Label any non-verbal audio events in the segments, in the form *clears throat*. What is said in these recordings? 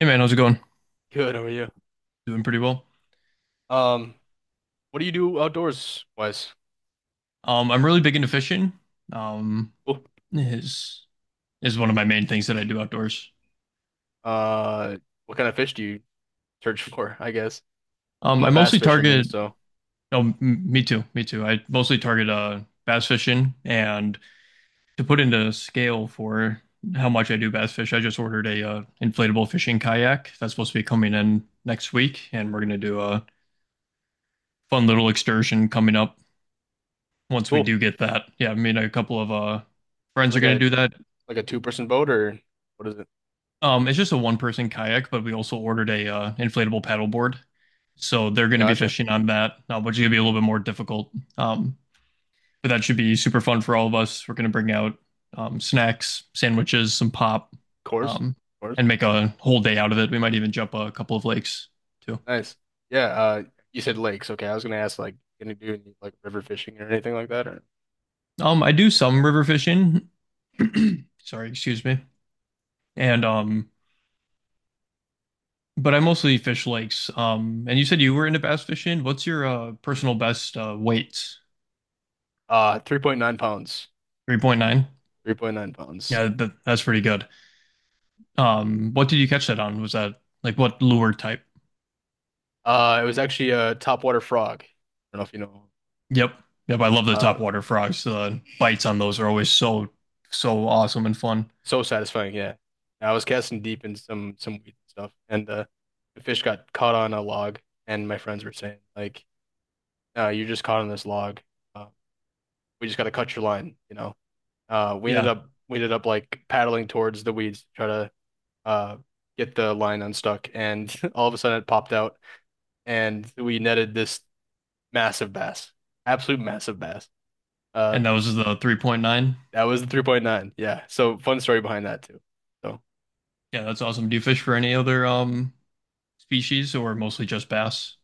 Hey man, how's it going? Good, how are you? Doing pretty well. Um, what do you do outdoors wise? I'm really big into fishing. Um, Oh, is is one of my main things that I do outdoors. uh, what kind of fish do you search *laughs* for, I guess? I'm I a bass mostly fisherman, target. so Oh, m me too, me too. I mostly target bass fishing, and to put into scale for how much I do bass fish, I just ordered a inflatable fishing kayak that's supposed to be coming in next week, and we're gonna do a fun little excursion coming up once we cool. do get that. Yeah, me and a couple of friends are Like gonna a do that. like a two-person boat or what is it? It's just a one person kayak, but we also ordered a inflatable paddleboard, so they're going to be Gotcha. fishing on that, which is going to be a little bit more difficult. Um, but that should be super fun for all of us. We're going to bring out snacks, sandwiches, some pop, Course? um, Course? and make a whole day out of it. We might even jump a couple of lakes too. Nice. Yeah, you said lakes, okay. I was gonna ask like can you do any, like river fishing or anything like that or I do some river fishing. *clears throat* Sorry, excuse me. And but I mostly fish lakes. And you said you were into bass fishing. What's your personal best weights? 3.9 pounds. 3.9? 3.9 pounds. Yeah, that's pretty good. What did you catch that on? Was that like what lure type? It was actually a topwater frog. I don't know if you know. Yep. Yep, I love the Uh top water frogs. The bites on those are always so so awesome and fun. So satisfying, yeah. I was casting deep in some weed and stuff, and the fish got caught on a log. And my friends were saying, like, you're just caught on this log. Uh, we just got to cut your line, you know. We ended Yeah. up we ended up like paddling towards the weeds to try to uh get the line unstuck. And *laughs* all of a sudden, it popped out, and we netted this massive bass, absolute massive bass. Uh, And that was the 3.9. that was the 3.9. Yeah. So fun story behind that too. So. Yeah, that's awesome. Do you fish for any other species or mostly just bass?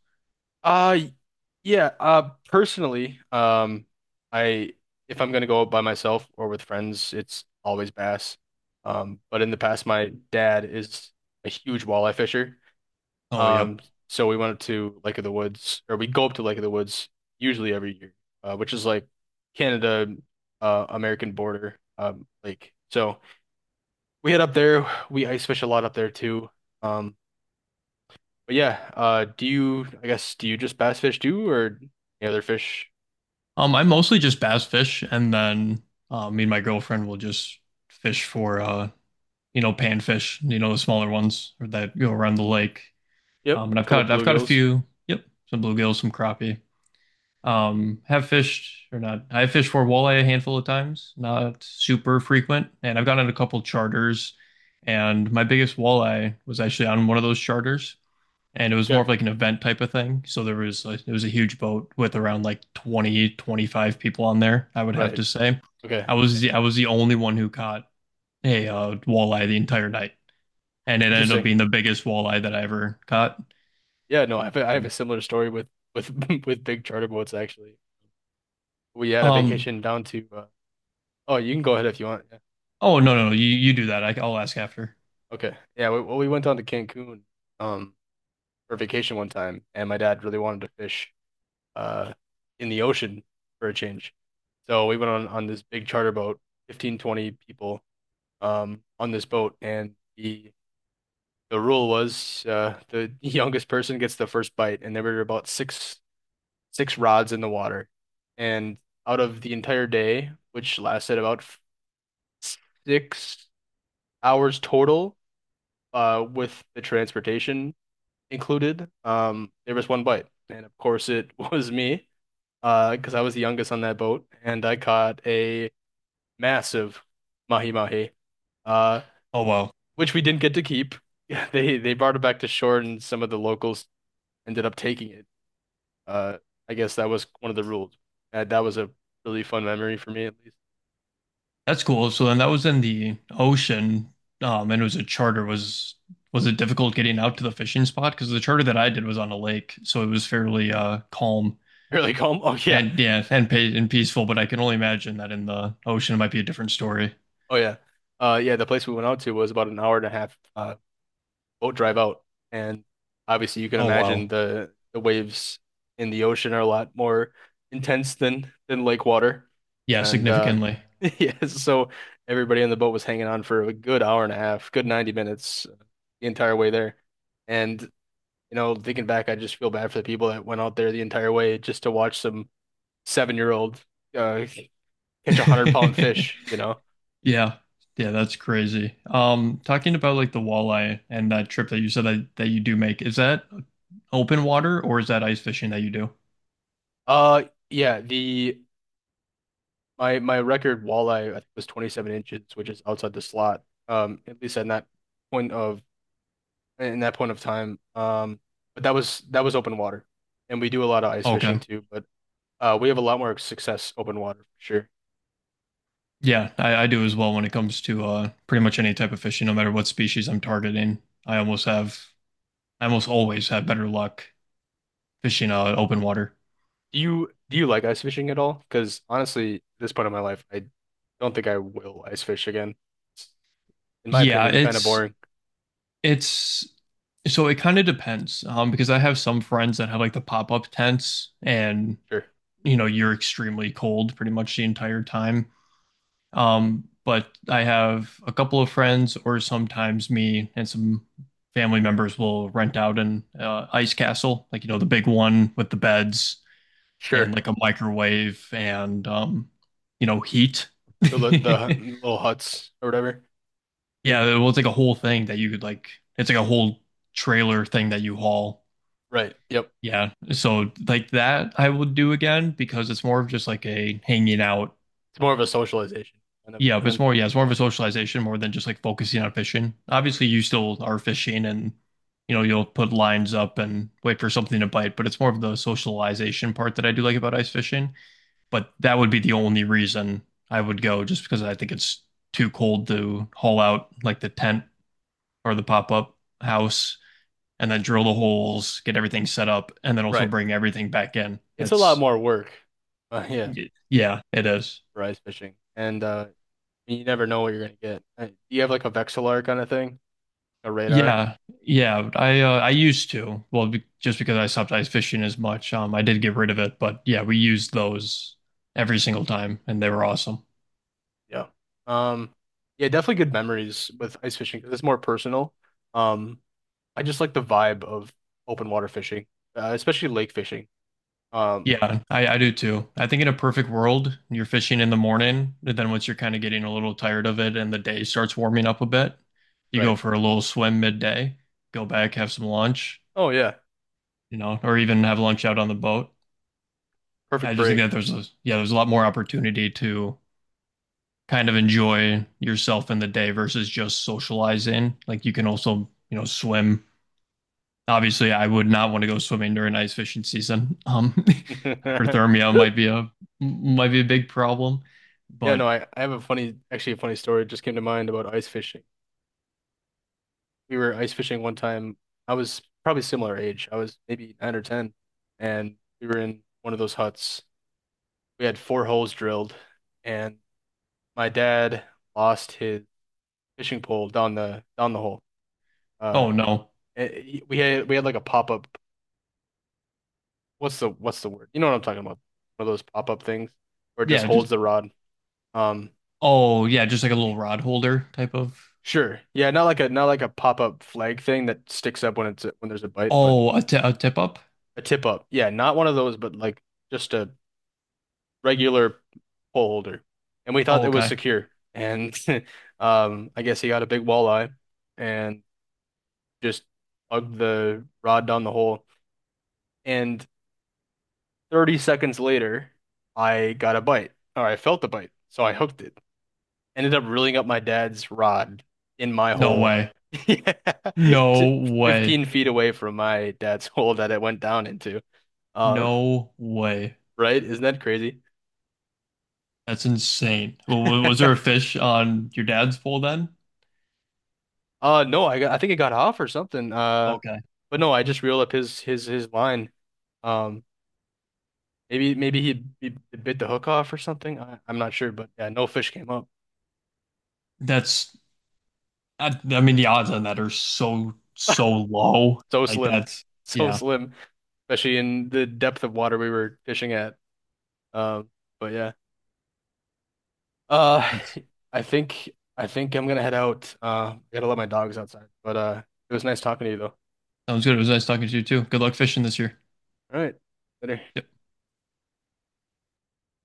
Uh y- yeah, personally, I if I'm gonna go out by myself or with friends, it's always bass. Um, but in the past my dad is a huge walleye fisher. Oh, yep. Um so we went up to Lake of the Woods or we go up to Lake of the Woods usually every year, which is like Canada American border lake. So we head up there, we ice fish a lot up there too. Um. But yeah, do you, I guess, do you just bass fish too, or any other fish? I mostly just bass fish and then me and my girlfriend will just fish for panfish, you know, the smaller ones that go around the lake. Yep, And couple I've caught a bluegills. few. Yep, some bluegills, some crappie. Have fished or not? I have fished for walleye a handful of times, not super frequent. And I've gotten a couple charters. And my biggest walleye was actually on one of those charters, and it was more Yeah, of like an event type of thing. So there was like, it was a huge boat with around like 20 25 people on there. I would have right. to say, Okay, I was yeah. the, I was the only one who caught a walleye the entire night, and it ended up Interesting. being the biggest walleye that I ever caught. Yeah, no, I have a similar story with with *laughs* with big charter boats actually. We had a Um, vacation down to. Oh, you can go ahead if you want. Yeah. Oh, no. You you do that. I'll ask after. Okay. Yeah. We went down to Cancun um for vacation one time, and my dad really wanted to fish uh in the ocean for a change, so we went on this big charter boat, 15-20 people, on this boat, and the rule was, the youngest person gets the first bite, and there were about six rods in the water, and out of the entire day, which lasted about 6 hours total, with the transportation included, there was one bite, and of course it *laughs* was me, because I was the youngest on that boat, and I caught a massive mahi mahi. uh. Oh wow, Which we didn't get to keep. *laughs* Yeah, they brought it back to shore, and some of the locals ended up taking it. Uh, I guess that was one of the rules. That was a really fun memory for me, at least. that's cool. So then that was in the ocean, and it was a charter. Was it difficult getting out to the fishing spot? Because the charter that I did was on a lake, so it was fairly calm *laughs* Really calm. Oh yeah, and yeah, and pa and peaceful. But I can only imagine that in the ocean it might be a different story. oh yeah, yeah. The place we went out to was about an hour and a half, boat drive out. And obviously, you can Oh imagine wow, the waves in the ocean are a lot more intense than lake water. yeah, And significantly. *laughs* yeah, so everybody on the boat was hanging on for a good hour and a half, good 90 minutes, the entire way there. And you know, thinking back, I just feel bad for the people that went out there the entire way just to watch some seven-year-old, uh, catch 100 pound fish. *laughs* You know, Yeah. Yeah, that's crazy. Talking about like the walleye and that trip that you said that, that you do make, is that open water or is that ice fishing that you do? uh, yeah, the my record walleye I think was 27 inches, which is outside the slot. At least in that point of in that point of time. But that was open water, and we do a lot of ice fishing Okay. too. But we have a lot more success open water for sure. Yeah, I do as well when it comes to pretty much any type of fishing, no matter what species I'm targeting. I almost always have better luck fishing open water. Do you like ice fishing at all? Because honestly, at this point in my life, I don't think I will ice fish again. It's, in my Yeah, opinion, kind of it's boring. it's it kind of depends. Because I have some friends that have like the pop-up tents and Sure, you know you're extremely cold pretty much the entire time. But I have a couple of friends, or sometimes me and some family members will rent out an ice castle, like you know the big one with the beds sure. and like a microwave and heat. The li- the *laughs* hu- little huts or whatever. Yeah, it was like a whole thing that you could like. It's like a whole trailer thing that you haul. Right. Yep. Yeah, so like that I would do again because it's more of just like a hanging out. It's more of a socialization kind of Yeah, but it's event. more, yeah, it's more of a socialization more than just like focusing on fishing. Obviously, you still are fishing and, you know, you'll put lines up and wait for something to bite, but it's more of the socialization part that I do like about ice fishing. But that would be the only reason I would go just because I think it's too cold to haul out like the tent or the pop-up house and then drill the holes, get everything set up, and then also Right. bring everything back in. It's a lot more work. *laughs* Yeah, Yeah, it is. for ice fishing, and you never know what you're gonna get. Do you have like a Vexilar kind of thing, a radar? Yeah, yeah. I used to. Well, be just because I stopped ice fishing as much, I did get rid of it. But yeah, we used those every single time, and they were awesome. Yeah. Um, yeah, definitely good memories with ice fishing because it's more personal. Um, I just like the vibe of open water fishing, especially lake fishing. Um, Yeah, I do too. I think in a perfect world, you're fishing in the morning, and then once you're kind of getting a little tired of it, and the day starts warming up a bit, you go right. for a little swim midday, go back, have some lunch, Oh yeah, you know, or even have lunch out on the boat. perfect I just think break. that there's a Yeah, there's a lot more opportunity to kind of enjoy yourself in the day versus just socializing. Like you can also, you know, swim. Obviously, I would not want to go swimming during ice fishing season. *laughs* *laughs* Hyperthermia might be a big problem, Yeah, but no, I have a funny, actually a funny story just came to mind about ice fishing. We were ice fishing one time. I was probably similar age. I was maybe nine or ten, and we were in one of those huts. We had four holes drilled, and my dad lost his fishing pole down the hole. Uh, oh no, we had like a pop up. What's the word? You know what I'm talking about? One of those pop up things where it just yeah, just holds the rod. Um, oh yeah, just like a little rod holder type of. sure, yeah, not like a not like a pop up flag thing that sticks up when it's when there's a bite, but Oh a tip up. a tip up. Yeah, not one of those, but like just a regular pole holder, and we thought Oh it was okay, secure. And *laughs* I guess he got a big walleye and just plugged the rod down the hole. And 30 seconds later, I got a bite, or I felt the bite, so I hooked it. Ended up reeling up my dad's rod in my no hole. way, *laughs* Yeah, no t- way, 15 feet away from my dad's *laughs* hole that it went down into. Uh, no way. right? Isn't that crazy? That's insane. W- Was there a *laughs* fish on your dad's pole then? No, I got, I think it got off or something. Okay, But no, I just reeled up his his line. Um, maybe he bit the hook off or something. I'm not sure, but yeah, no fish came up. that's I mean, the odds on that are so, *laughs* so low. So slim, so Yeah, slim, especially in the depth of water we were fishing at. Um, but yeah, uh, that's, I think I think I'm gonna head out. I gotta let my dogs outside. But it was nice talking to you though. sounds good. It was nice talking to you too. Good luck fishing this year. All right, later. Yep.